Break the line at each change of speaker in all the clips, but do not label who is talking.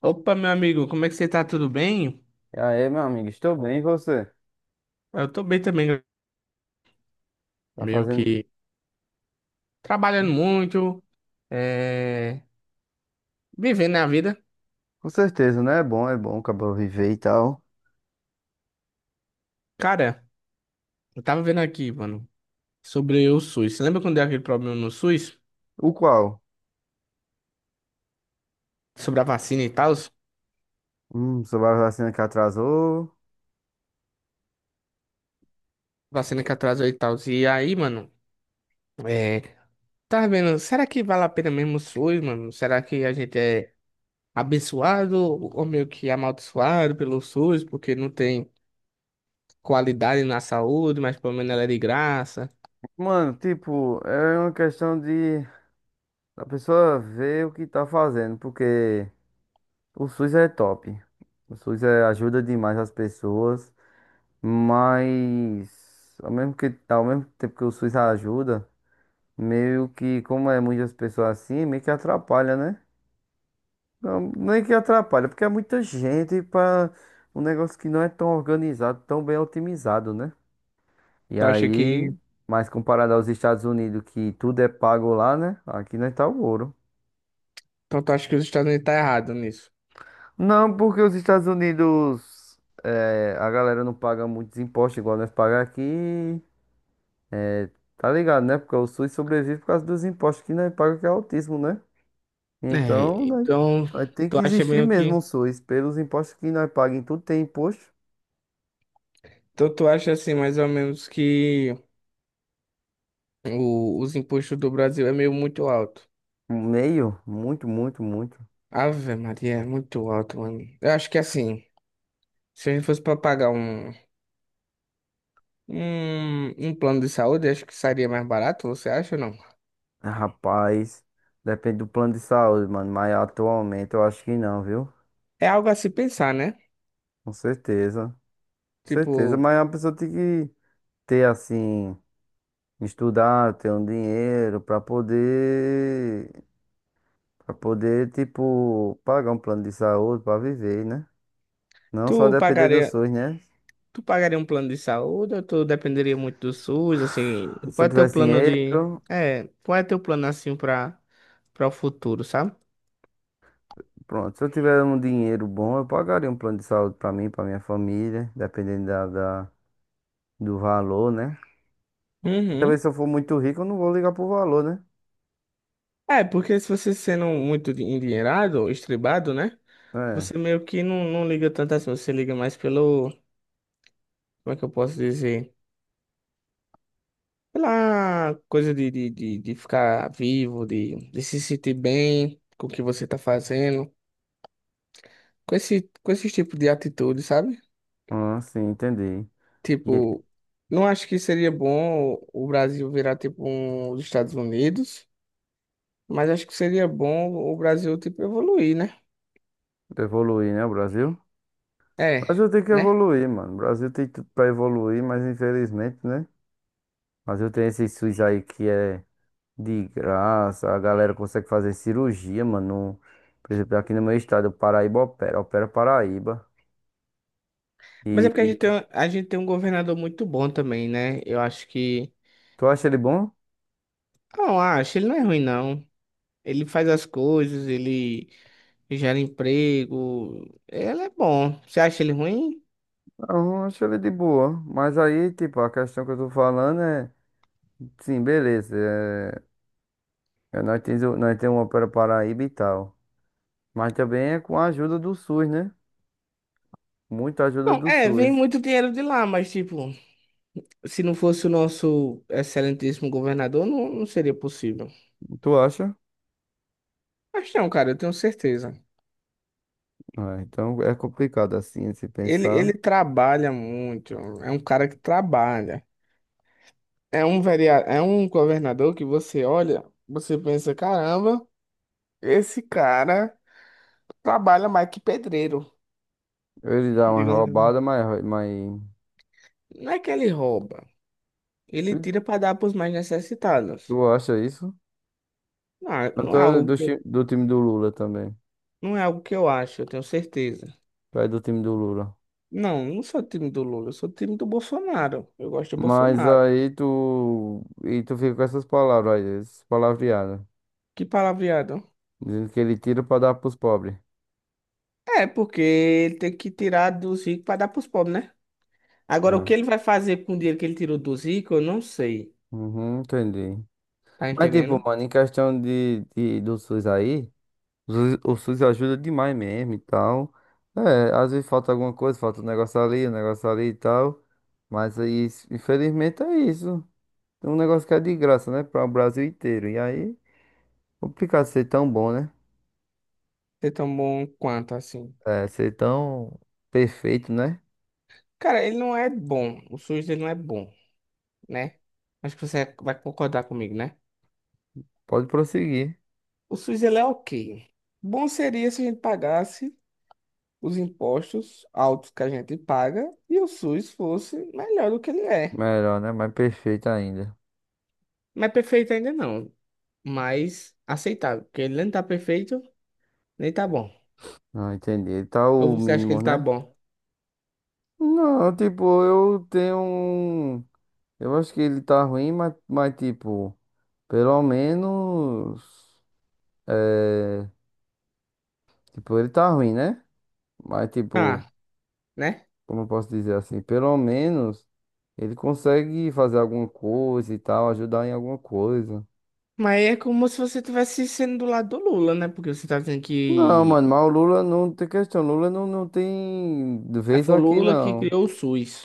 Opa, meu amigo, como é que você tá? Tudo bem?
E aí, meu amigo, estou bem, e você?
Eu tô bem também,
Tá
meio
fazendo?
que trabalhando muito, é... vivendo a vida.
Com certeza, né? É bom, acabou viver e tal.
Cara, eu tava vendo aqui, mano, sobre o SUS. Você lembra quando deu aquele problema no SUS?
O qual?
Sobre a vacina e tal?
Sobre a vacina que atrasou.
Vacina que atrasou e tal. E aí, mano, é... tava vendo, será que vale a pena mesmo o SUS, mano? Será que a gente é abençoado ou meio que amaldiçoado pelo SUS porque não tem qualidade na saúde, mas pelo menos ela é de graça?
Mano, tipo, é uma questão de a pessoa ver o que tá fazendo, porque o SUS é top. Ajuda demais as pessoas, mas ao mesmo tempo que o SUS ajuda, meio que, como é muitas pessoas assim, meio que atrapalha, né? Não, nem que atrapalha, porque é muita gente para um negócio que não é tão organizado, tão bem otimizado, né? E
Tu acha
aí,
que
mas comparado aos Estados Unidos, que tudo é pago lá, né? Aqui não tá o ouro.
Então tu acha que os Estados Unidos tá errado nisso?
Não, porque os Estados Unidos, é, a galera não paga muitos impostos igual nós pagamos aqui. é, Tá ligado, né? Porque o SUS sobrevive por causa dos impostos que nós pagamos, que é altíssimo, né? Então,
É,
né?
então,
Vai ter que
tu acha
existir
meio
mesmo o
que.
SUS. Pelos impostos que nós pagamos, tudo tem imposto.
Então tu acha assim, mais ou menos, que os impostos do Brasil é meio muito alto.
Um meio? Muito, muito, muito.
Ave Maria, é muito alto, mano. Eu acho que assim, se a gente fosse pra pagar um plano de saúde, acho que sairia mais barato, você acha ou não?
Ah, rapaz, depende do plano de saúde, mano. Mas atualmente eu acho que não, viu?
É algo a se pensar, né?
Com certeza. Certeza,
Tipo,
mas a pessoa tem que ter assim, estudar, ter um dinheiro pra poder, para poder, tipo, pagar um plano de saúde pra viver, né? Não só
tu
depender do
pagaria.
SUS, né?
Tu pagaria um plano de saúde ou tu dependeria muito do SUS, assim,
Se
qual
eu
é teu
tivesse
plano de...
dinheiro,
É, qual é teu plano, assim, pra o futuro, sabe?
pronto. Se eu tiver um dinheiro bom, eu pagaria um plano de saúde pra mim, pra minha família, dependendo do valor, né? E talvez
Uhum.
se eu for muito rico, eu não vou ligar pro valor, né?
É, porque se você sendo muito endinheirado, estribado, né?
É.
Você meio que não liga tanto assim, você liga mais pelo... Como é que eu posso dizer? Pela coisa de ficar vivo, de se sentir bem com o que você tá fazendo. Com esse tipo de atitude, sabe?
Ah, sim, entendi. E
Tipo, não acho que seria bom o Brasil virar tipo os Estados Unidos, mas acho que seria bom o Brasil tipo evoluir, né?
evoluir, né, o Brasil? O
É,
Brasil tem que
né?
evoluir, mano. O Brasil tem tudo pra evoluir, mas infelizmente, né? O Brasil tem esse SUS aí que é de graça, a galera consegue fazer cirurgia, mano. Por exemplo, aqui no meu estado, o Paraíba opera, opera Paraíba.
Mas é porque a gente
E
tem, a gente tem um governador muito bom também, né? Eu acho que.
tu acha ele bom?
Não, acho, ele não é ruim, não. Ele faz as coisas, ele gera emprego. Ele é bom. Você acha ele ruim?
Não, eu acho ele de boa. Mas aí, tipo, a questão que eu tô falando é. Sim, beleza. É, nós temos, nós temos uma para Paraíba e tal. Mas também é com a ajuda do SUS, né? Muita ajuda
Não,
do
é, vem
SUS.
muito dinheiro de lá, mas tipo, se não fosse o nosso excelentíssimo governador, não seria possível.
Tu acha?
Mas não, cara, eu tenho certeza.
Ah, então é complicado assim se
Ele
pensar.
trabalha muito, é um cara que trabalha. É um vereador, é um governador que você olha, você pensa, caramba, esse cara trabalha mais que pedreiro,
Ele dá uma
digamos assim.
roubada, mas...
Não é que ele rouba, ele tira para dar para os mais
Tu
necessitados.
acha isso?
Não,
Tanto tô do, do time do Lula também.
não é algo que eu acho, eu tenho certeza.
Tu é do time do Lula.
Não, não sou time do Lula, eu sou time do Bolsonaro. Eu gosto do
Mas
Bolsonaro.
aí tu. E tu fica com essas palavras aí, essas palavreadas.
Que palavreado.
Dizendo que ele tira pra dar pros pobres.
É, porque ele tem que tirar dos ricos para dar pros pobres, né? Agora, o que
É.
ele vai fazer com o dinheiro que ele tirou dos ricos, eu não sei.
Uhum, entendi.
Tá
Mas, tipo,
entendendo?
mano, em questão do SUS aí, o SUS ajuda demais mesmo e tal. É, às vezes falta alguma coisa, falta um negócio ali e tal. Mas aí, infelizmente, é isso. É um negócio que é de graça, né? Para o Brasil inteiro. E aí, complicado ser tão bom, né?
Ser tão bom quanto assim.
É, ser tão perfeito, né?
Cara, ele não é bom. O SUS dele não é bom, né? Acho que você vai concordar comigo, né?
Pode prosseguir.
O SUS ele é ok. Bom seria se a gente pagasse os impostos altos que a gente paga e o SUS fosse melhor do que ele é.
Melhor, né? Mais perfeito ainda.
Não é perfeito ainda não, mas aceitável, porque ele nem tá perfeito, nem tá bom.
Não, entendi. Tá
Ou
o
você acha que
mínimo,
ele tá
né?
bom?
Não, tipo, eu tenho. Um eu acho que ele tá ruim, mas tipo, pelo menos. É, tipo, ele tá ruim, né? Mas, tipo,
Ah, né?
como eu posso dizer assim? Pelo menos ele consegue fazer alguma coisa e tal, ajudar em alguma coisa.
Mas é como se você estivesse sendo do lado do Lula, né? Porque você tá dizendo
Não,
que.
mano, mas o Lula não tem questão. Lula não tem
Aí
vez
foi o
aqui,
Lula que
não.
criou o SUS.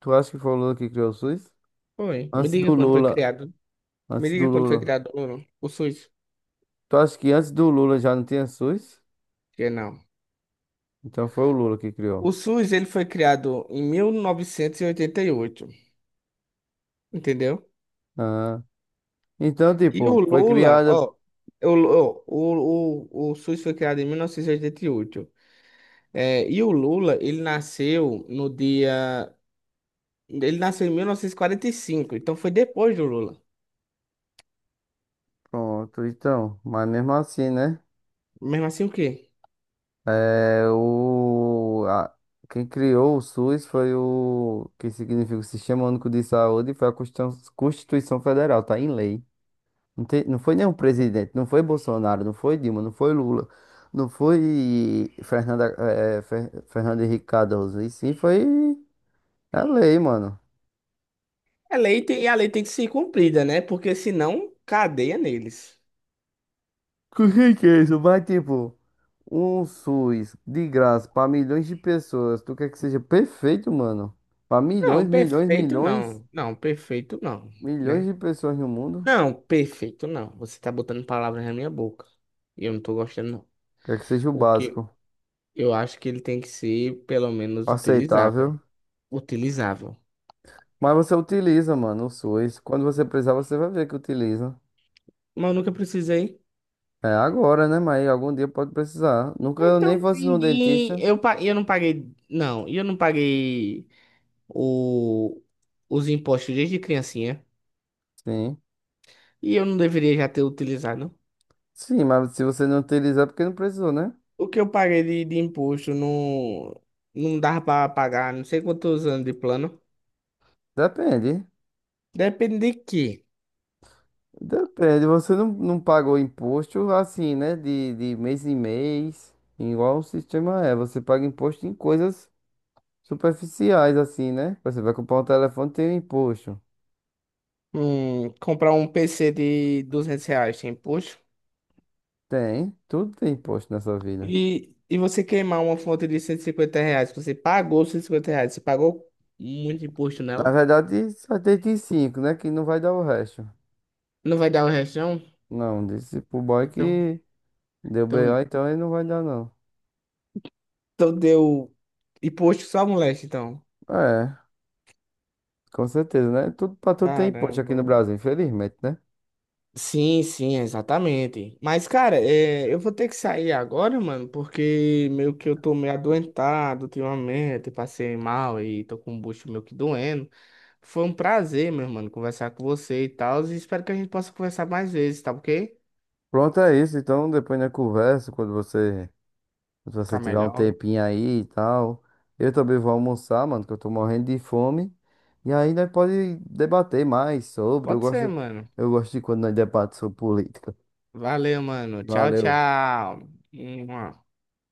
Tu acha que foi o Lula que criou o SUS?
Foi. Me
Antes
diga
do
quando foi
Lula.
criado. Me
Antes do
diga quando foi
Lula.
criado o Lula. O SUS.
Tu acha que antes do Lula já não tinha SUS?
Que não.
Então foi o Lula que criou.
O SUS, ele foi criado em mil novecentos e oitenta e oito. Entendeu?
Ah. Então,
E o
tipo, foi
Lula,
criada.
ó. O SUS foi criado em 1988. É, e o Lula, ele nasceu no dia. Ele nasceu em mil novecentos e quarenta e cinco. Então foi depois do Lula.
Pronto, então. Mas mesmo assim, né?
Mesmo assim, o quê?
É, quem criou o SUS foi o que significa o Sistema Único de Saúde, foi a Constituição Federal, tá em lei. Não, não foi nenhum presidente, não foi Bolsonaro, não foi Dilma, não foi Lula, não foi Fernanda, Fernando Henrique Cardoso, e sim foi a lei, mano.
É lei e a lei tem que ser cumprida, né? Porque senão, cadeia neles.
O que que é isso? Vai, tipo, um SUS de graça pra milhões de pessoas. Tu quer que seja perfeito, mano? Pra milhões,
Não,
milhões,
perfeito
milhões,
não. Não, perfeito não,
milhões
né?
de pessoas no mundo.
Não, perfeito não. Você tá botando palavras na minha boca. E eu não tô gostando, não.
Quer que seja o
O que
básico,
eu acho que ele tem que ser, pelo menos, utilizável.
aceitável.
Utilizável.
Mas você utiliza, mano, o SUS. Quando você precisar, você vai ver que utiliza.
Mas eu nunca precisei.
É agora, né? Mas algum dia pode precisar. Nunca eu nem
Então,
fosse no
ninguém.
dentista.
Eu não paguei. Não, eu não paguei o, os impostos desde criancinha.
Sim.
E eu não deveria já ter utilizado.
Sim, mas se você não utilizar, é porque não precisou, né?
O que eu paguei de imposto não dava para pagar, não sei quantos anos de plano.
Depende.
Depende de quê?
Depende, você não paga o imposto assim, né? De mês em mês, igual o sistema é. Você paga imposto em coisas superficiais, assim, né? Você vai comprar um telefone, tem um imposto.
Comprar um PC de R$ 200 tem imposto.
Tem, tudo tem imposto nessa vida.
E você queimar uma fonte de R$ 150, você pagou R$ 150, você pagou muito imposto
Na
nela.
verdade, só tem de cinco, né? Que não vai dar o resto.
Não vai dar o resto, não?
Não, disse pro boy
Então,
que deu
então,
BO, então ele não vai dar, não.
então deu imposto só moleque, então.
É, com certeza, né? Tudo pra tudo tem
Caramba.
imposto aqui no Brasil, infelizmente, né?
Sim, sim, exatamente. Mas, cara, eu vou ter que sair agora, mano, porque meio que eu tô meio adoentado ultimamente, passei mal e tô com o bucho meio que doendo. Foi um prazer, meu mano, conversar com você e tal, e espero que a gente possa conversar mais vezes, tá ok?
Pronto, é isso. Então, depois na conversa, quando você. Se você
Ficar
tiver um
melhor.
tempinho aí e tal. Eu também vou almoçar, mano, que eu tô morrendo de fome. E aí nós pode debater mais sobre.
Pode ser, mano.
Eu gosto de quando nós debatemos sobre política.
Valeu, mano. Tchau,
Valeu.
tchau. Mua.